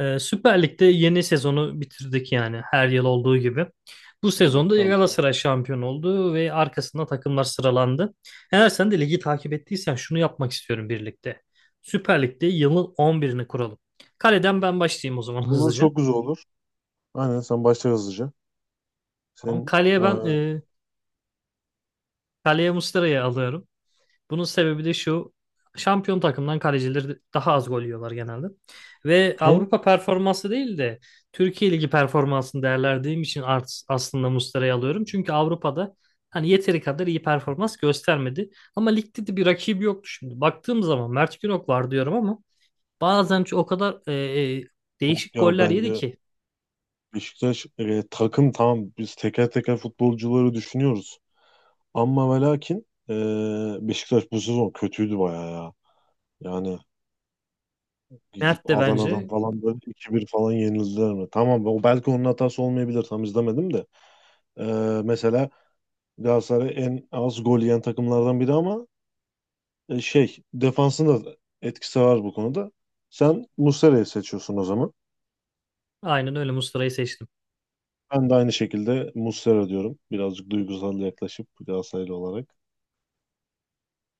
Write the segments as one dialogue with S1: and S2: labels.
S1: Süper Lig'de yeni sezonu bitirdik yani her yıl olduğu gibi. Bu
S2: Yani
S1: sezonda
S2: şampiyon.
S1: Galatasaray şampiyon oldu ve arkasında takımlar sıralandı. Eğer sen de ligi takip ettiysen şunu yapmak istiyorum birlikte. Süper Lig'de yılın 11'ini kuralım. Kaleden ben başlayayım o zaman
S2: Olur
S1: hızlıca.
S2: çok güzel olur. Aynen sen başla hızlıca.
S1: Tamam.
S2: Senin
S1: Kaleye ben kaleye Muslera'yı alıyorum. Bunun sebebi de şu. Şampiyon takımdan kalecileri daha az gol yiyorlar genelde. Ve
S2: hem
S1: Avrupa performansı değil de Türkiye Ligi performansını değerlendirdiğim için aslında Muslera'yı alıyorum. Çünkü Avrupa'da hani yeteri kadar iyi performans göstermedi. Ama ligde de bir rakibi yoktu şimdi. Baktığım zaman Mert Günok var diyorum ama bazen o kadar e,
S2: yok
S1: değişik
S2: ya
S1: goller yedi
S2: bence
S1: ki.
S2: Beşiktaş takım tamam biz teker teker futbolcuları düşünüyoruz. Ama ve lakin Beşiktaş bu sezon kötüydü bayağı ya. Yani gidip
S1: Mert de
S2: Adana'dan
S1: bence
S2: falan böyle 2-1 falan yenildiler mi? Tamam o belki onun hatası olmayabilir tam izlemedim de. E, mesela Galatasaray en az gol yiyen takımlardan biri ama şey defansında da etkisi var bu konuda. Sen Muslera'yı seçiyorsun o zaman.
S1: aynen öyle Muslera'yı seçtim.
S2: Ben de aynı şekilde Muslera diyorum. Birazcık duygusal yaklaşıp Galatasaraylı olarak.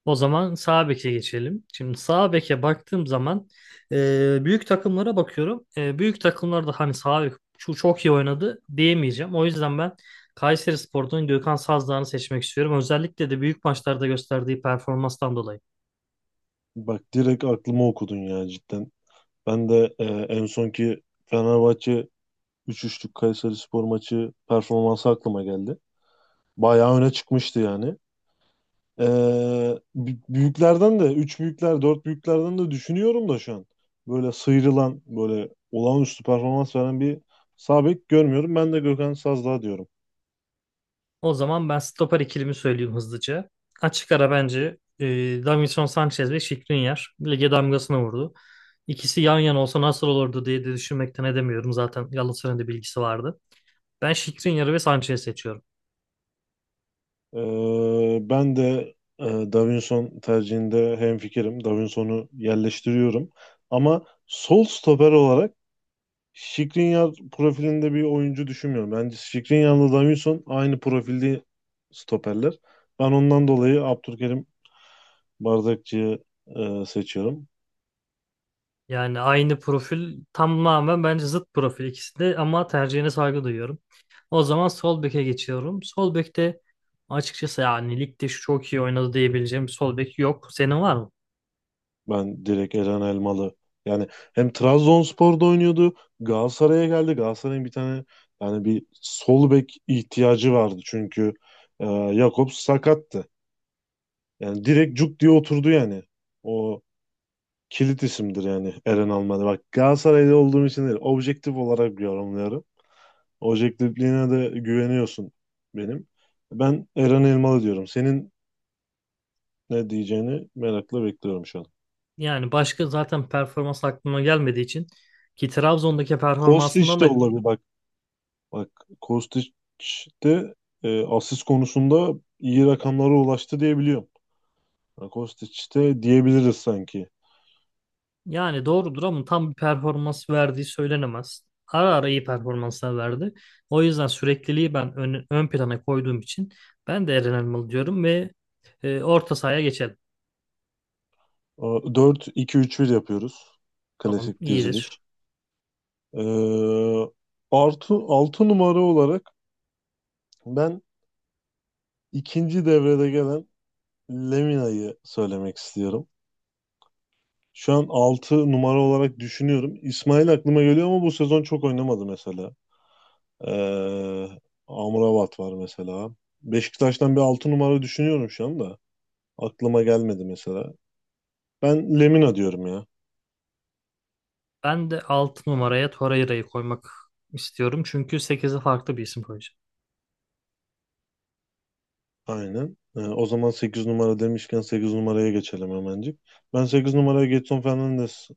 S1: O zaman sağ beke geçelim. Şimdi sağ beke baktığım zaman büyük takımlara bakıyorum. Büyük takımlarda hani sağ bek çok iyi oynadı diyemeyeceğim. O yüzden ben Kayserispor'dan Gökhan Sazdağ'ını seçmek istiyorum. Özellikle de büyük maçlarda gösterdiği performanstan dolayı.
S2: Bak direkt aklıma okudun ya cidden. Ben de en sonki Fenerbahçe 3-3'lük Kayserispor maçı performansı aklıma geldi. Bayağı öne çıkmıştı yani. Ee, büyüklerden de, üç büyükler, dört büyüklerden de düşünüyorum da şu an. Böyle sıyrılan, böyle olağanüstü performans veren bir sağ bek görmüyorum. Ben de Gökhan Sazdağ diyorum.
S1: O zaman ben stoper ikilimi söyleyeyim hızlıca. Açık ara bence Davinson Sanchez ve Skriniar lige damgasını vurdu. İkisi yan yana olsa nasıl olurdu diye de düşünmekten edemiyorum. Zaten Galatasaray'ın da bilgisi vardı. Ben Skriniar'ı ve Sanchez'i seçiyorum.
S2: Ben de Davinson tercihinde hemfikirim. Davinson'u yerleştiriyorum. Ama sol stoper olarak Skriniar profilinde bir oyuncu düşünmüyorum. Bence Skriniar'la Davinson aynı profilde stoperler. Ben ondan dolayı Abdülkerim Bardakçıyı seçiyorum.
S1: Yani aynı profil tamamen bence zıt profil ikisi de ama tercihine saygı duyuyorum. O zaman sol beke geçiyorum. Sol bekte açıkçası yani ligde şu çok iyi oynadı diyebileceğim bir sol bek yok. Senin var mı?
S2: Ben direkt Eren Elmalı. Yani hem Trabzonspor'da oynuyordu. Galatasaray'a geldi. Galatasaray'ın bir tane yani bir sol bek ihtiyacı vardı. Çünkü Jakobs sakattı. Yani direkt cuk diye oturdu yani. O kilit isimdir yani Eren Elmalı. Bak Galatasaray'da olduğum için değil. Objektif olarak yorumluyorum. Objektifliğine de güveniyorsun benim. Ben Eren Elmalı diyorum. Senin ne diyeceğini merakla bekliyorum şu an.
S1: Yani başka zaten performans aklıma gelmediği için ki Trabzon'daki
S2: Kostić
S1: performansından
S2: de
S1: da
S2: olabilir bak. Bak Kostić de asist konusunda iyi rakamlara ulaştı diye biliyorum. Yani Kostić de diyebiliriz sanki.
S1: yani doğrudur ama tam bir performans verdiği söylenemez. Ara ara iyi performanslar verdi. O yüzden sürekliliği ben ön plana koyduğum için ben de Eren Elmalı diyorum ve orta sahaya geçelim.
S2: E, 4-2-3-1 yapıyoruz.
S1: Tamam,
S2: Klasik
S1: iyidir.
S2: diziliş. E, artı 6 numara olarak ben ikinci devrede gelen Lemina'yı söylemek istiyorum. Şu an 6 numara olarak düşünüyorum. İsmail aklıma geliyor ama bu sezon çok oynamadı mesela. Ee, Amrabat var mesela. Beşiktaş'tan bir 6 numara düşünüyorum şu anda. Aklıma gelmedi mesela. Ben Lemina diyorum ya.
S1: Ben de 6 numaraya Torreira'yı koymak istiyorum. Çünkü sekize farklı bir isim koyacağım.
S2: Aynen. O zaman 8 numara demişken 8 numaraya geçelim hemencik. Ben 8 numaraya Gedson Fernandes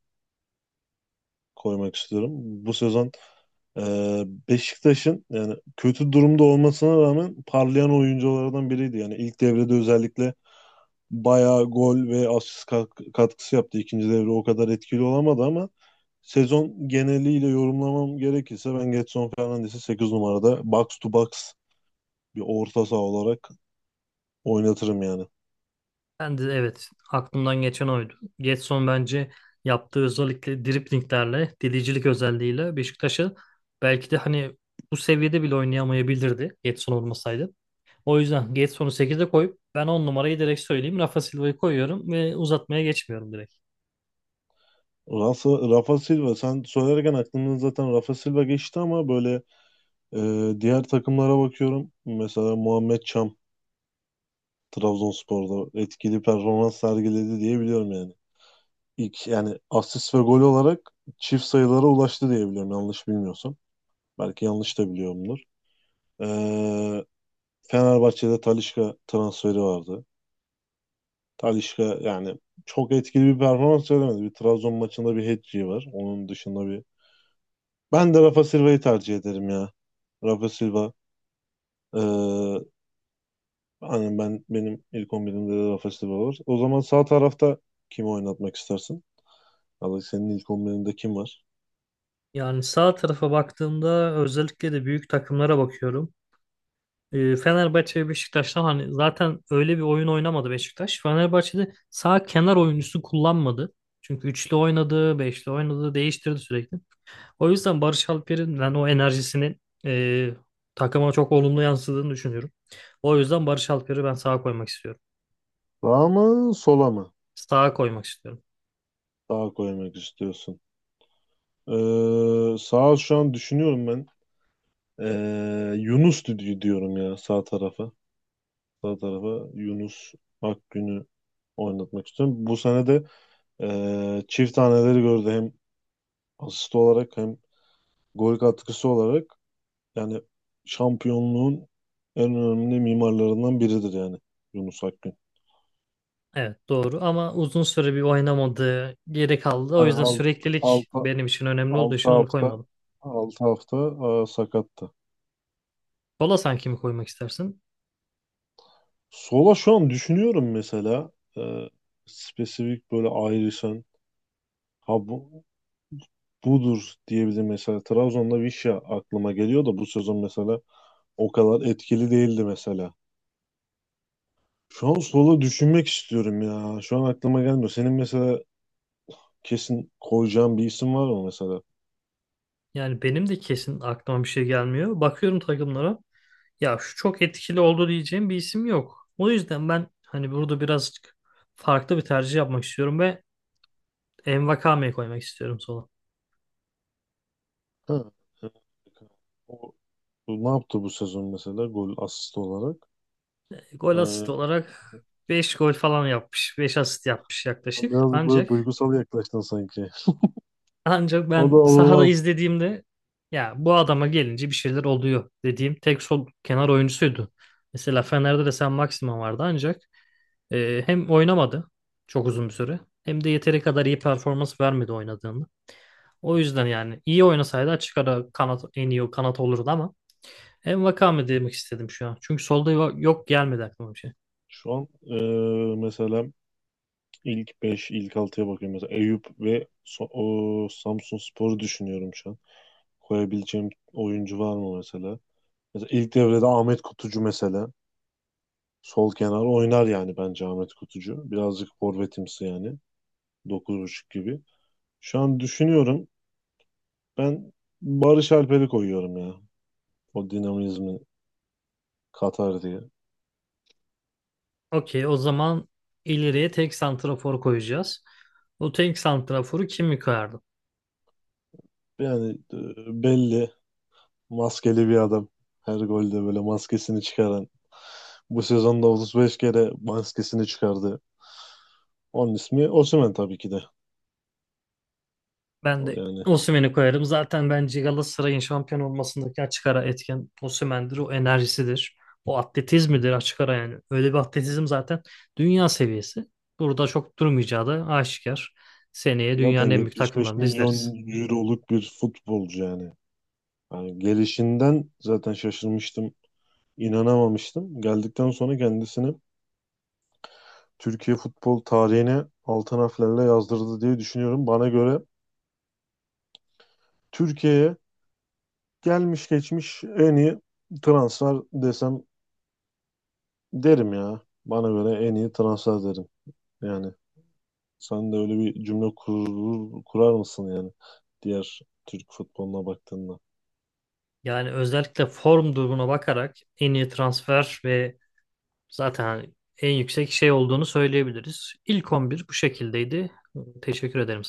S2: koymak istiyorum. Bu sezon e, Beşiktaş'ın yani kötü durumda olmasına rağmen parlayan oyunculardan biriydi. Yani ilk devrede özellikle bayağı gol ve asist katkısı yaptı. İkinci devre o kadar etkili olamadı ama sezon geneliyle yorumlamam gerekirse ben Gedson Fernandes'i 8 numarada box to box bir orta saha olarak oynatırım yani.
S1: Ben de evet aklımdan geçen oydu. Gedson bence yaptığı özellikle driplinglerle, delicilik özelliğiyle Beşiktaş'ı belki de hani bu seviyede bile oynayamayabilirdi Gedson olmasaydı. O yüzden Gedson'u sekize koyup ben 10 numarayı direkt söyleyeyim. Rafa Silva'yı koyuyorum ve uzatmaya geçmiyorum direkt.
S2: Rafa Silva sen söylerken aklımdan zaten Rafa Silva geçti ama böyle diğer takımlara bakıyorum. Mesela Muhammed Çam Trabzonspor'da etkili performans sergiledi diye biliyorum yani. İlk yani asist ve gol olarak çift sayılara ulaştı diye biliyorum yanlış bilmiyorsam. Belki yanlış da biliyorumdur. Ee, Fenerbahçe'de Talisca transferi vardı. Talisca yani çok etkili bir performans veremedi. Bir Trabzon maçında bir hat-trick'i var. Onun dışında bir... Ben de Rafa Silva'yı tercih ederim ya. Rafa Silva ee, aynen ben benim ilk 11'imde de Rafa Silva var. O zaman sağ tarafta kimi oynatmak istersin? Ya da senin ilk 11'inde kim var?
S1: Yani sağ tarafa baktığımda özellikle de büyük takımlara bakıyorum. E, Fenerbahçe ve Beşiktaş'tan hani zaten öyle bir oyun oynamadı Beşiktaş. Fenerbahçe'de sağ kenar oyuncusu kullanmadı. Çünkü üçlü oynadı, beşli oynadı, değiştirdi sürekli. O yüzden Barış Alper'in ben o enerjisinin takıma çok olumlu yansıdığını düşünüyorum. O yüzden Barış Alper'i ben sağa koymak istiyorum.
S2: Sağa mı sola mı?
S1: Sağa koymak istiyorum.
S2: Sağa koymak istiyorsun. Sağa şu an düşünüyorum ben. Yunus diyorum ya sağ tarafa. Sağ tarafa Yunus Akgün'ü oynatmak istiyorum. Bu sene de çift taneleri gördü hem asist olarak hem gol katkısı olarak. Yani şampiyonluğun en önemli mimarlarından biridir yani Yunus Akgün.
S1: Evet doğru ama uzun süre bir oynamadı, geri kaldı. O
S2: Hani
S1: yüzden süreklilik
S2: altı,
S1: benim için önemli olduğu
S2: altı
S1: için onu
S2: hafta
S1: koymadım.
S2: 6 hafta sakattı.
S1: Bola sanki mi koymak istersin?
S2: Sola şu an düşünüyorum mesela e, spesifik böyle ayrışan ha bu, budur diyebilirim mesela. Trabzon'da Vişya aklıma geliyor da bu sezon mesela o kadar etkili değildi mesela. Şu an sola düşünmek istiyorum ya. Şu an aklıma gelmiyor. Senin mesela kesin koyacağın bir isim var mı mesela?
S1: Yani benim de kesin aklıma bir şey gelmiyor. Bakıyorum takımlara. Ya şu çok etkili oldu diyeceğim bir isim yok. O yüzden ben hani burada birazcık farklı bir tercih yapmak istiyorum ve Envakame'yi koymak istiyorum sola.
S2: Ha, evet. O ne yaptı bu sezon mesela gol asist olarak?
S1: E, Gol asist
S2: Hani
S1: olarak 5 gol falan yapmış. Beş asist yapmış yaklaşık.
S2: birazcık böyle
S1: Ancak
S2: duygusal yaklaştın sanki.
S1: ancak
S2: O da
S1: ben sahada
S2: olmaz.
S1: izlediğimde ya bu adama gelince bir şeyler oluyor dediğim tek sol kenar oyuncusuydu. Mesela Fener'de de sen Maximan vardı ancak hem oynamadı çok uzun bir süre hem de yeteri kadar iyi performans vermedi oynadığında. O yüzden yani iyi oynasaydı açık ara kanat en iyi kanat olurdu ama en Vakame demek istedim şu an. Çünkü solda yok gelmedi aklıma bir şey.
S2: Şu an mesela ilk 5, ilk altıya bakıyorum. Mesela Eyüp ve so o Samsunspor'u düşünüyorum şu an. Koyabileceğim oyuncu var mı mesela? Mesela ilk devrede Ahmet Kutucu mesela. Sol kenar oynar yani bence Ahmet Kutucu. Birazcık forvetimsi yani. 9,5 gibi. Şu an düşünüyorum. Ben Barış Alper'i koyuyorum ya. O dinamizmi katar diye.
S1: Okey o zaman ileriye tek santrafor koyacağız. O tek santraforu kim koyardı?
S2: Yani belli maskeli bir adam. Her golde böyle maskesini çıkaran. Bu sezonda 35 kere maskesini çıkardı. Onun ismi Osimhen tabii ki de.
S1: Ben
S2: O
S1: de
S2: yani
S1: Osimhen'i koyarım. Zaten bence Galatasaray'ın şampiyon olmasındaki açık ara etken Osimhen'dir. O enerjisidir. O atletizmidir açık ara yani. Öyle bir atletizm zaten dünya seviyesi. Burada çok durmayacağı da aşikar. Seneye dünyanın
S2: zaten
S1: en büyük
S2: 75
S1: takımlarını da
S2: milyon
S1: izleriz.
S2: euroluk bir futbolcu yani. Yani gelişinden zaten şaşırmıştım. İnanamamıştım. Geldikten sonra kendisini Türkiye futbol tarihine altın harflerle yazdırdı diye düşünüyorum. Bana göre Türkiye'ye gelmiş geçmiş en iyi transfer desem derim ya. Bana göre en iyi transfer derim. Yani sen de öyle bir cümle kurar mısın yani diğer Türk futboluna baktığında?
S1: Yani özellikle form durumuna bakarak en iyi transfer ve zaten hani en yüksek şey olduğunu söyleyebiliriz. İlk 11 bu şekildeydi. Teşekkür ederim.